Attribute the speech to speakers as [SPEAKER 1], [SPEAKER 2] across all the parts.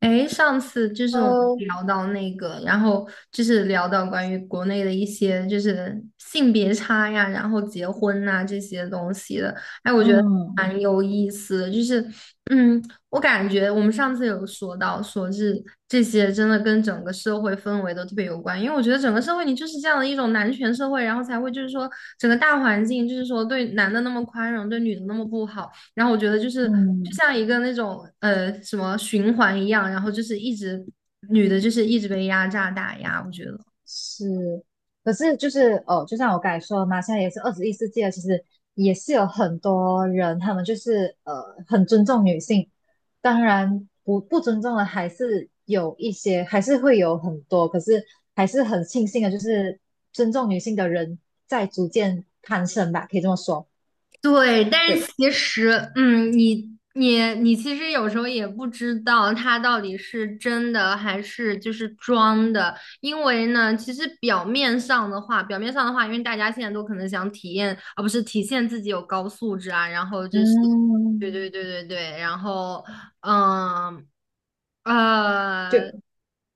[SPEAKER 1] 哎，上次就是我们
[SPEAKER 2] 呃，
[SPEAKER 1] 聊到那个，然后就是聊到关于国内的一些就是性别差呀，然后结婚呐、这些东西的，哎，我觉得
[SPEAKER 2] 嗯
[SPEAKER 1] 蛮有意思的。就是，嗯，我感觉我们上次有说到，说是这些真的跟整个社会氛围都特别有关，因为我觉得整个社会你就是这样的一种男权社会，然后才会就是说整个大环境就是说对男的那么宽容，对女的那么不好。然后我觉得就是就
[SPEAKER 2] 嗯，
[SPEAKER 1] 像一个那种什么循环一样，然后就是一直女的就是一直被压榨打压，我觉得。
[SPEAKER 2] 是，可是就是哦，就像我刚才说的嘛，现在也是21世纪了，其实也是有很多人，他们就是很尊重女性，当然不尊重的还是有一些，还是会有很多，可是还是很庆幸的，就是尊重女性的人在逐渐攀升吧，可以这么说，
[SPEAKER 1] 对，但是
[SPEAKER 2] 对，
[SPEAKER 1] 其实，你其实有时候也不知道他到底是真的还是就是装的，因为呢，其实表面上的话因为大家现在都可能想体验，而不是体现自己有高素质啊，然后就是，对对
[SPEAKER 2] 嗯。
[SPEAKER 1] 对对对，然后，嗯，
[SPEAKER 2] 就。
[SPEAKER 1] 呃，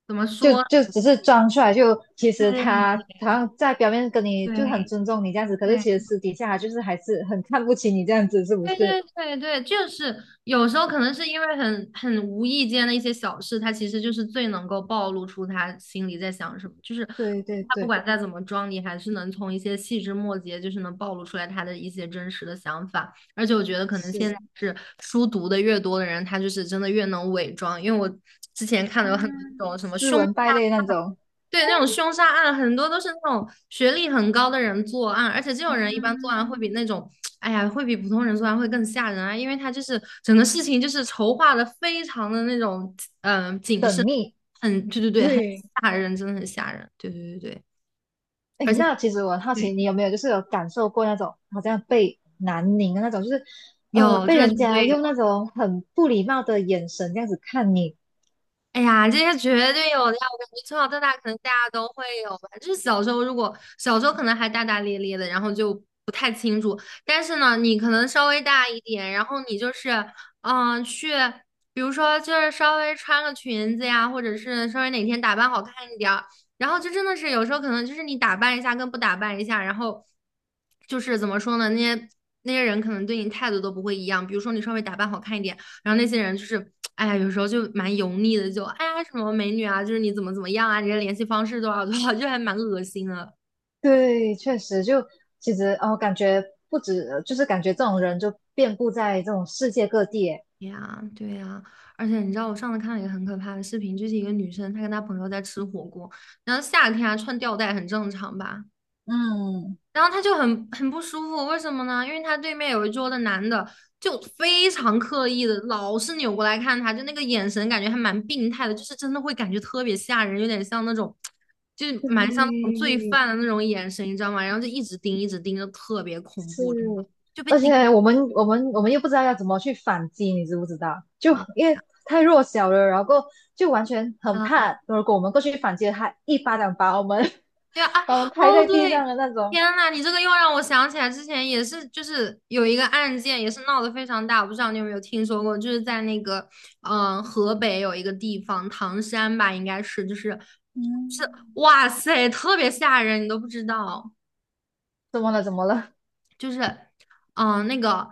[SPEAKER 1] 怎么
[SPEAKER 2] 就
[SPEAKER 1] 说？
[SPEAKER 2] 就只是装出来，就其实他
[SPEAKER 1] 对
[SPEAKER 2] 好像在表面跟你就很
[SPEAKER 1] 对
[SPEAKER 2] 尊重你这样子，可是
[SPEAKER 1] 对。
[SPEAKER 2] 其实私底下他就是还是很看不起你这样子，是不
[SPEAKER 1] 对对
[SPEAKER 2] 是？
[SPEAKER 1] 对对，就是有时候可能是因为很无意间的一些小事，他其实就是最能够暴露出他心里在想什么。就是
[SPEAKER 2] 对对
[SPEAKER 1] 他不
[SPEAKER 2] 对，
[SPEAKER 1] 管再怎么装，你还是能从一些细枝末节，就是能暴露出来他的一些真实的想法。而且我觉得可能现在
[SPEAKER 2] 是
[SPEAKER 1] 是书读的越多的人，他就是真的越能伪装。因为我之前看的
[SPEAKER 2] 啊，
[SPEAKER 1] 有很多那种什么
[SPEAKER 2] 斯
[SPEAKER 1] 凶。
[SPEAKER 2] 文败类那种。
[SPEAKER 1] 对，那种凶杀案很多都是那种学历很高的人作案，而且这种人一
[SPEAKER 2] 啊
[SPEAKER 1] 般作案会比那种，哎呀，会比普通人作案会更吓人啊，因为他就是整个事情就是筹划的非常的那种，谨慎，很，对对对，很
[SPEAKER 2] 对，
[SPEAKER 1] 吓人，真的很吓人，对对对对，
[SPEAKER 2] 哎，
[SPEAKER 1] 而且
[SPEAKER 2] 那其实我很好奇，
[SPEAKER 1] 对，
[SPEAKER 2] 你有没有就是有感受过那种好像被南宁的那种，就是
[SPEAKER 1] 有这
[SPEAKER 2] 被
[SPEAKER 1] 个绝
[SPEAKER 2] 人家
[SPEAKER 1] 对有。
[SPEAKER 2] 用那种很不礼貌的眼神这样子看你，
[SPEAKER 1] 哎呀，这些绝对有的呀！我感觉从小到大，可能大家都会有吧。就是小时候，如果小时候可能还大大咧咧的，然后就不太清楚。但是呢，你可能稍微大一点，然后你就是，嗯、去，比如说就是稍微穿个裙子呀，或者是稍微哪天打扮好看一点儿，然后就真的是有时候可能就是你打扮一下跟不打扮一下，然后就是怎么说呢，那些人可能对你态度都不会一样。比如说你稍微打扮好看一点。然后那些人就是，哎呀，有时候就蛮油腻的，就哎呀什么美女啊，就是你怎么怎么样啊，你的联系方式多少多少，就还蛮恶心的
[SPEAKER 2] 对，确实就其实哦，感觉不止，就是感觉这种人就遍布在这种世界各地耶
[SPEAKER 1] 哎呀。对呀，而且你知道我上次看了一个很可怕的视频，就是一个女生她跟她朋友在吃火锅，然后夏天啊穿吊带很正常吧，
[SPEAKER 2] 嗯，
[SPEAKER 1] 然后他就很不舒服，为什么呢？因为他对面有一桌的男的就非常刻意的，老是扭过来看他，就那个眼神感觉还蛮病态的，就是真的会感觉特别吓人，有点像那种，就是蛮像那种
[SPEAKER 2] 对，
[SPEAKER 1] 罪犯的那种眼神，你知道吗？然后就一直盯，一直盯，就特别恐
[SPEAKER 2] 是，
[SPEAKER 1] 怖，真的就被
[SPEAKER 2] 而
[SPEAKER 1] 盯。
[SPEAKER 2] 且我们又不知道要怎么去反击，你知不知道？就
[SPEAKER 1] 对
[SPEAKER 2] 因为太弱小了，然后就完全很
[SPEAKER 1] 嗯
[SPEAKER 2] 怕，如果我们过去反击了他，一巴掌把我们
[SPEAKER 1] 对啊，啊，
[SPEAKER 2] 把我们拍
[SPEAKER 1] 哦
[SPEAKER 2] 在地上
[SPEAKER 1] 对，
[SPEAKER 2] 的那种。
[SPEAKER 1] 天呐，你这个又让我想起来之前也是，就是有一个案件也是闹得非常大，我不知道你有没有听说过，就是在那个河北有一个地方唐山吧，应该是就是
[SPEAKER 2] 嗯，
[SPEAKER 1] 哇塞，特别吓人，你都不知道。
[SPEAKER 2] 怎么了？怎么了？
[SPEAKER 1] 就是，那个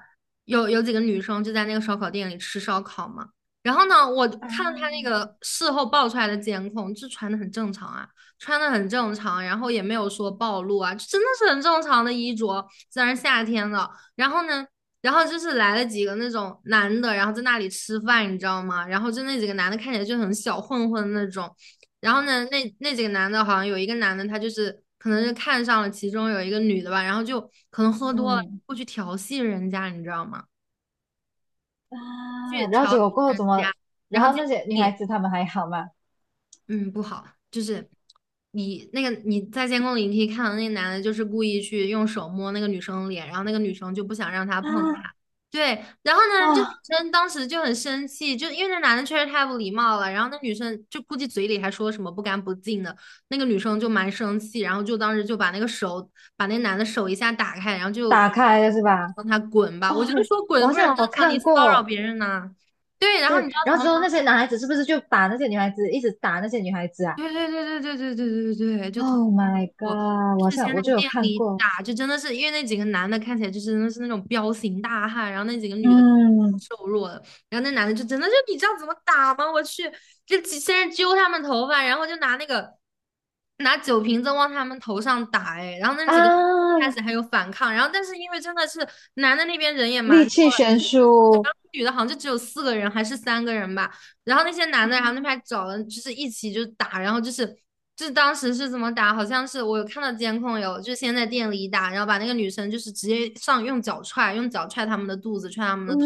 [SPEAKER 1] 有几个女生就在那个烧烤店里吃烧烤嘛。然后呢，我看到他
[SPEAKER 2] 啊
[SPEAKER 1] 那个事后爆出来的监控，就穿的很正常啊，穿的很正常，然后也没有说暴露啊，就真的是很正常的衣着，虽然夏天了。然后呢，然后就是来了几个那种男的，然后在那里吃饭，你知道吗？然后就那几个男的看起来就很小混混那种，然后呢，那几个男的，好像有一个男的，他就是可能是看上了其中有一个女的吧，然后就可能喝多了，
[SPEAKER 2] 嗯
[SPEAKER 1] 过去调戏人家，你知道吗？去
[SPEAKER 2] 啊，然后
[SPEAKER 1] 调
[SPEAKER 2] 结
[SPEAKER 1] 戏
[SPEAKER 2] 果过后
[SPEAKER 1] 人
[SPEAKER 2] 怎
[SPEAKER 1] 家，
[SPEAKER 2] 么？
[SPEAKER 1] 然
[SPEAKER 2] 然
[SPEAKER 1] 后
[SPEAKER 2] 后
[SPEAKER 1] 结
[SPEAKER 2] 那
[SPEAKER 1] 果
[SPEAKER 2] 些女孩子她们还好吗？
[SPEAKER 1] 嗯，不好，就是你那个你在监控里，你可以看到那个男的，就是故意去用手摸那个女生的脸，然后那个女生就不想让他
[SPEAKER 2] 啊
[SPEAKER 1] 碰她。对，然后呢，这女
[SPEAKER 2] 哇，
[SPEAKER 1] 生当时就很生气，就因为那男的确实太不礼貌了，然后那女生就估计嘴里还说什么不干不净的，那个女生就蛮生气，然后就当时就把那男的手一下打开，然后就
[SPEAKER 2] 打开了是吧？
[SPEAKER 1] 让他滚吧。
[SPEAKER 2] 哦，
[SPEAKER 1] 我就说
[SPEAKER 2] 我
[SPEAKER 1] 滚
[SPEAKER 2] 好
[SPEAKER 1] 不是很
[SPEAKER 2] 像
[SPEAKER 1] 正
[SPEAKER 2] 有
[SPEAKER 1] 常，你
[SPEAKER 2] 看
[SPEAKER 1] 骚扰
[SPEAKER 2] 过，
[SPEAKER 1] 别人呐、对，然后你
[SPEAKER 2] 对，
[SPEAKER 1] 知
[SPEAKER 2] 然
[SPEAKER 1] 道
[SPEAKER 2] 后
[SPEAKER 1] 怎
[SPEAKER 2] 之
[SPEAKER 1] 么
[SPEAKER 2] 后
[SPEAKER 1] 吗？
[SPEAKER 2] 那些男孩子是不是就把那些女孩子一直打那些女孩子啊
[SPEAKER 1] 对对对对对对对对对对，就特
[SPEAKER 2] ？Oh
[SPEAKER 1] 别恐
[SPEAKER 2] my
[SPEAKER 1] 怖。
[SPEAKER 2] god，我好
[SPEAKER 1] 之
[SPEAKER 2] 像
[SPEAKER 1] 前在
[SPEAKER 2] 我就有
[SPEAKER 1] 店
[SPEAKER 2] 看
[SPEAKER 1] 里
[SPEAKER 2] 过，
[SPEAKER 1] 打，就真的是因为那几个男的看起来就是真的是那种彪形大汉，然后那几个女的
[SPEAKER 2] 嗯
[SPEAKER 1] 瘦弱的，然后那男的就真的就你知道怎么打吗？我去，就先是揪他们头发，然后就拿那个拿酒瓶子往他们头上打，哎，然后那几个
[SPEAKER 2] 啊，
[SPEAKER 1] 开始还有反抗，然后但是因为真的是男的那边人也蛮
[SPEAKER 2] 力
[SPEAKER 1] 多
[SPEAKER 2] 气悬
[SPEAKER 1] 的，然
[SPEAKER 2] 殊，
[SPEAKER 1] 后女的好像就只有四个人还是三个人吧。然后那些男的，然后那边找了，就是一起就打，然后就是当时是怎么打？好像是我有看到监控有，就先在店里打，然后把那个女生就是直接上用脚踹，用脚踹他们的肚子，踹他们的头。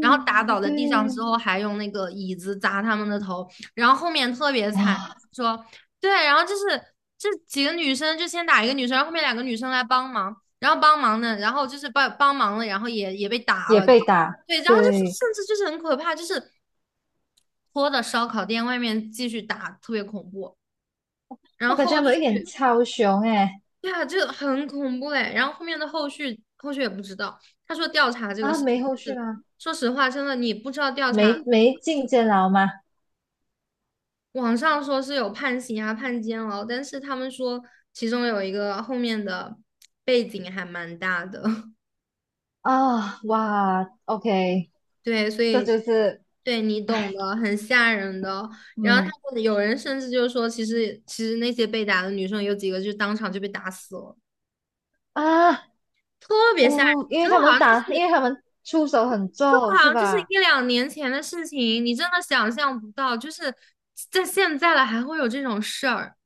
[SPEAKER 1] 然后打倒在
[SPEAKER 2] 对，
[SPEAKER 1] 地上之后，还用那个椅子砸他们的头，然后后面特别惨，
[SPEAKER 2] 哇，
[SPEAKER 1] 说对，然后就是这几个女生就先打一个女生，然后后面两个女生来帮忙，然后帮忙的，然后就是帮忙了，然后也被打
[SPEAKER 2] 也
[SPEAKER 1] 了，
[SPEAKER 2] 被打，
[SPEAKER 1] 对，然后就是
[SPEAKER 2] 对，
[SPEAKER 1] 甚至就是很可怕，就是拖的烧烤店外面继续打，特别恐怖。
[SPEAKER 2] 我
[SPEAKER 1] 然
[SPEAKER 2] 感
[SPEAKER 1] 后
[SPEAKER 2] 觉
[SPEAKER 1] 后
[SPEAKER 2] 他们有一点
[SPEAKER 1] 续，
[SPEAKER 2] 超雄诶，
[SPEAKER 1] 对啊，这很恐怖哎。然后后面的后续，后续也不知道。他说调查这个
[SPEAKER 2] 啊，
[SPEAKER 1] 事情
[SPEAKER 2] 没后续
[SPEAKER 1] 是，
[SPEAKER 2] 吗？
[SPEAKER 1] 说实话，真的你不知道调查。
[SPEAKER 2] 没进监牢吗？
[SPEAKER 1] 网上说是有判刑啊、判监牢，但是他们说其中有一个后面的背景还蛮大的，
[SPEAKER 2] 啊，哇，OK，
[SPEAKER 1] 对，所
[SPEAKER 2] 这
[SPEAKER 1] 以
[SPEAKER 2] 就是
[SPEAKER 1] 对你懂的，很吓人的。然后他
[SPEAKER 2] 嗯。
[SPEAKER 1] 们有人甚至就说，其实那些被打的女生有几个就当场就被打死了。
[SPEAKER 2] 啊，
[SPEAKER 1] 特别吓
[SPEAKER 2] 哦，
[SPEAKER 1] 人，
[SPEAKER 2] 因为
[SPEAKER 1] 真的
[SPEAKER 2] 他
[SPEAKER 1] 好
[SPEAKER 2] 们
[SPEAKER 1] 像就是
[SPEAKER 2] 打，
[SPEAKER 1] 就
[SPEAKER 2] 因为他们出手很重，
[SPEAKER 1] 好
[SPEAKER 2] 是
[SPEAKER 1] 像就是
[SPEAKER 2] 吧？
[SPEAKER 1] 一两年前的事情，你真的想象不到，就是在现在了还会有这种事儿，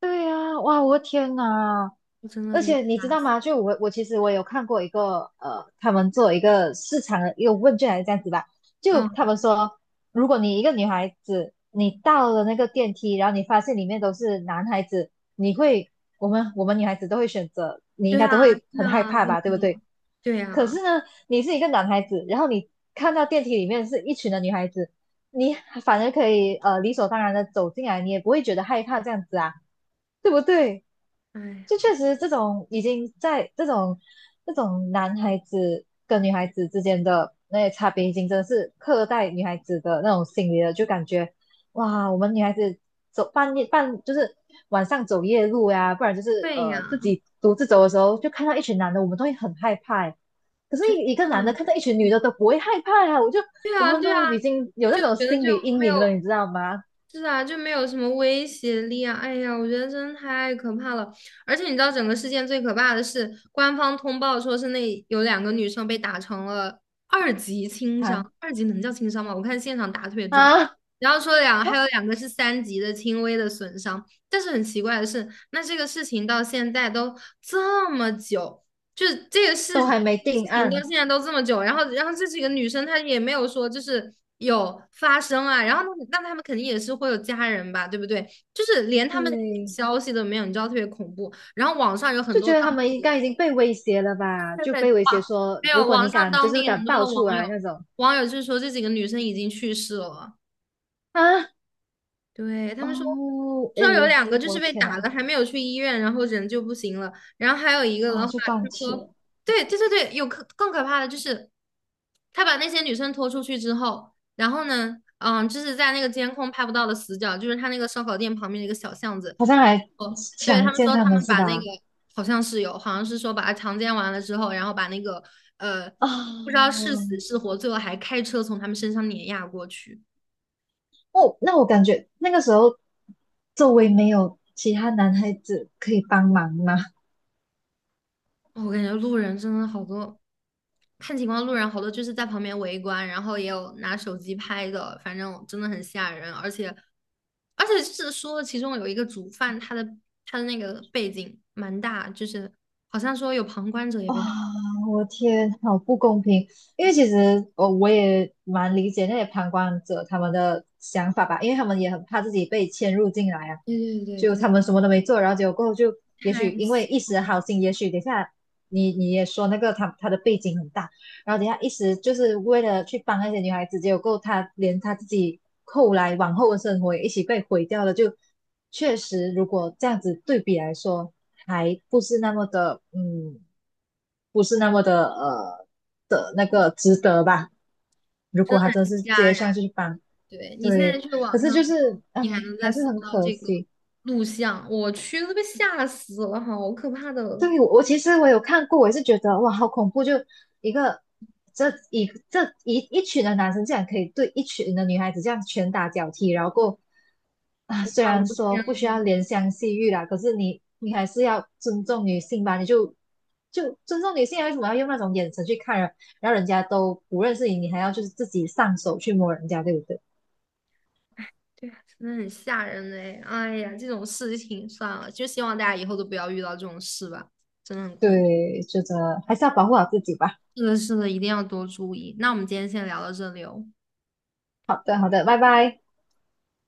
[SPEAKER 2] 对呀，哇，我的天呐！
[SPEAKER 1] 我真的
[SPEAKER 2] 而
[SPEAKER 1] 被
[SPEAKER 2] 且你知
[SPEAKER 1] 吓
[SPEAKER 2] 道
[SPEAKER 1] 死。
[SPEAKER 2] 吗？就我其实我有看过一个，他们做一个市场的一个问卷还是这样子吧，就
[SPEAKER 1] 嗯，
[SPEAKER 2] 他们说，如果你一个女孩子，你到了那个电梯，然后你发现里面都是男孩子，你会，我们女孩子都会选择，你应
[SPEAKER 1] 对
[SPEAKER 2] 该
[SPEAKER 1] 啊，
[SPEAKER 2] 都会
[SPEAKER 1] 对
[SPEAKER 2] 很害
[SPEAKER 1] 啊，
[SPEAKER 2] 怕
[SPEAKER 1] 对
[SPEAKER 2] 吧，对不
[SPEAKER 1] 啊，
[SPEAKER 2] 对？
[SPEAKER 1] 对
[SPEAKER 2] 可
[SPEAKER 1] 啊，
[SPEAKER 2] 是呢，你是一个男孩子，然后你看到电梯里面是一群的女孩子，你反而可以理所当然的走进来，你也不会觉得害怕这样子啊，对不对？
[SPEAKER 1] 哎呀，
[SPEAKER 2] 就确实这种已经在这种男孩子跟女孩子之间的那些差别，已经真的是刻在女孩子的那种心里了，就感觉哇，我们女孩子走半夜半就是晚上走夜路呀、不然就是
[SPEAKER 1] 对呀，
[SPEAKER 2] 自己独自走的时候，就看到一群男的，我们都会很害怕欸。可是
[SPEAKER 1] 真
[SPEAKER 2] 一个男的
[SPEAKER 1] 的，
[SPEAKER 2] 看到一群女
[SPEAKER 1] 嗯
[SPEAKER 2] 的都不会害怕啊，我就
[SPEAKER 1] 对
[SPEAKER 2] 我
[SPEAKER 1] 啊，
[SPEAKER 2] 们
[SPEAKER 1] 对啊对啊对啊
[SPEAKER 2] 都
[SPEAKER 1] 哎呀对呀
[SPEAKER 2] 已经有那
[SPEAKER 1] 真的
[SPEAKER 2] 种
[SPEAKER 1] 对啊对啊就觉得
[SPEAKER 2] 心
[SPEAKER 1] 就
[SPEAKER 2] 理阴
[SPEAKER 1] 没
[SPEAKER 2] 影了，你
[SPEAKER 1] 有。
[SPEAKER 2] 知道吗？
[SPEAKER 1] 是啊，就没有什么威胁力啊！哎呀，我觉得真的太可怕了。而且你知道，整个事件最可怕的是，官方通报说是那有两个女生被打成了二级轻伤，
[SPEAKER 2] 看
[SPEAKER 1] 二级能叫轻伤吗？我看现场打特别重。
[SPEAKER 2] 啊，啊
[SPEAKER 1] 然后还有两个是三级的轻微的损伤，但是很奇怪的是，那这个事情到现在都这么久，就是这个
[SPEAKER 2] 都
[SPEAKER 1] 事
[SPEAKER 2] 还没
[SPEAKER 1] 事
[SPEAKER 2] 定
[SPEAKER 1] 情到
[SPEAKER 2] 案，
[SPEAKER 1] 现在都这么久，然后这几个女生她也没有说就是有发生啊，然后那他们肯定也是会有家人吧，对不对？就是连他们的
[SPEAKER 2] 对，
[SPEAKER 1] 消息都没有，你知道特别恐怖。然后网上有很
[SPEAKER 2] 就
[SPEAKER 1] 多
[SPEAKER 2] 觉
[SPEAKER 1] 当
[SPEAKER 2] 得他们应
[SPEAKER 1] 地
[SPEAKER 2] 该已经被威胁了吧？
[SPEAKER 1] 现
[SPEAKER 2] 就
[SPEAKER 1] 在
[SPEAKER 2] 被威胁
[SPEAKER 1] 网
[SPEAKER 2] 说，
[SPEAKER 1] 没
[SPEAKER 2] 如
[SPEAKER 1] 有
[SPEAKER 2] 果
[SPEAKER 1] 网
[SPEAKER 2] 你
[SPEAKER 1] 上
[SPEAKER 2] 敢，就
[SPEAKER 1] 当
[SPEAKER 2] 是
[SPEAKER 1] 地很
[SPEAKER 2] 敢
[SPEAKER 1] 多
[SPEAKER 2] 爆
[SPEAKER 1] 的
[SPEAKER 2] 出
[SPEAKER 1] 网
[SPEAKER 2] 来
[SPEAKER 1] 友
[SPEAKER 2] 那种
[SPEAKER 1] 网友就是说这几个女生已经去世了，
[SPEAKER 2] 啊，
[SPEAKER 1] 对，他们说。
[SPEAKER 2] 哦，哎
[SPEAKER 1] 说有
[SPEAKER 2] 呦，
[SPEAKER 1] 两个就
[SPEAKER 2] 我
[SPEAKER 1] 是
[SPEAKER 2] 的
[SPEAKER 1] 被
[SPEAKER 2] 天呐，
[SPEAKER 1] 打了，还没有去医院，然后人就不行了。然后还有一个的
[SPEAKER 2] 哦，
[SPEAKER 1] 话，
[SPEAKER 2] 就
[SPEAKER 1] 他
[SPEAKER 2] 断气
[SPEAKER 1] 说，
[SPEAKER 2] 了，
[SPEAKER 1] 对对对对，更可怕的就是，他把那些女生拖出去之后，然后呢，就是在那个监控拍不到的死角，就是他那个烧烤店旁边的一个小巷子。
[SPEAKER 2] 好像还
[SPEAKER 1] 哦，对，
[SPEAKER 2] 强
[SPEAKER 1] 他们
[SPEAKER 2] 奸
[SPEAKER 1] 说
[SPEAKER 2] 他
[SPEAKER 1] 他
[SPEAKER 2] 们
[SPEAKER 1] 们
[SPEAKER 2] 是
[SPEAKER 1] 把那个
[SPEAKER 2] 吧？
[SPEAKER 1] 好像是有，好像是说把他强奸完了之后，然后把那个呃不知道
[SPEAKER 2] 啊、
[SPEAKER 1] 是死是活，最后还开车从他们身上碾压过去。
[SPEAKER 2] 哦，那我感觉那个时候周围没有其他男孩子可以帮忙吗？
[SPEAKER 1] 我感觉路人真的好多，看情况，路人好多就是在旁边围观，然后也有拿手机拍的，反正真的很吓人。而且，而且是说其中有一个主犯，他的那个背景蛮大，就是好像说有旁观者也
[SPEAKER 2] 哇，
[SPEAKER 1] 被他。
[SPEAKER 2] 我天，好不公平！因为其实我也蛮理解那些旁观者他们的想法吧，因为他们也很怕自己被牵入进来啊。
[SPEAKER 1] 对对对，
[SPEAKER 2] 就他们什么都没做，然后结果过后就，也
[SPEAKER 1] 太
[SPEAKER 2] 许因为
[SPEAKER 1] 吓
[SPEAKER 2] 一时的好心，也许等下你也说那个他的背景很大，然后等下一时就是为了去帮那些女孩子，结果过后他连他自己后来往后的生活也一起被毁掉了，就确实如果这样子对比来说，还不是那么的。不是那么的的那个值得吧。如
[SPEAKER 1] 真
[SPEAKER 2] 果
[SPEAKER 1] 的
[SPEAKER 2] 他真
[SPEAKER 1] 很
[SPEAKER 2] 是直
[SPEAKER 1] 吓
[SPEAKER 2] 接
[SPEAKER 1] 人。
[SPEAKER 2] 上去帮，
[SPEAKER 1] 对你现在
[SPEAKER 2] 对，
[SPEAKER 1] 去
[SPEAKER 2] 可
[SPEAKER 1] 网
[SPEAKER 2] 是
[SPEAKER 1] 上
[SPEAKER 2] 就是
[SPEAKER 1] 搜，
[SPEAKER 2] 哎，
[SPEAKER 1] 你还能
[SPEAKER 2] 还
[SPEAKER 1] 再
[SPEAKER 2] 是
[SPEAKER 1] 搜
[SPEAKER 2] 很
[SPEAKER 1] 到
[SPEAKER 2] 可
[SPEAKER 1] 这个
[SPEAKER 2] 惜。
[SPEAKER 1] 录像，我去都被吓死了，好可怕的！
[SPEAKER 2] 对，我其实我有看过，我也是觉得哇，好恐怖！就一个这一群的男生竟然可以对一群的女孩子这样拳打脚踢，然后过啊，虽
[SPEAKER 1] 哇，我
[SPEAKER 2] 然
[SPEAKER 1] 的
[SPEAKER 2] 说
[SPEAKER 1] 天
[SPEAKER 2] 不需要怜香惜玉啦，可是你还是要尊重女性吧？你就尊重女性啊，为什么要用那种眼神去看人？然后人家都不认识你，你还要就是自己上手去摸人家，对不对？
[SPEAKER 1] 对啊，真的很吓人嘞！哎呀，这种事情算了，就希望大家以后都不要遇到这种事吧，真的很恐怖。
[SPEAKER 2] 对，就觉得还是要保护好自己吧。
[SPEAKER 1] 是的，是的，一定要多注意。那我们今天先聊到这里哦。
[SPEAKER 2] 好的，好的，拜拜。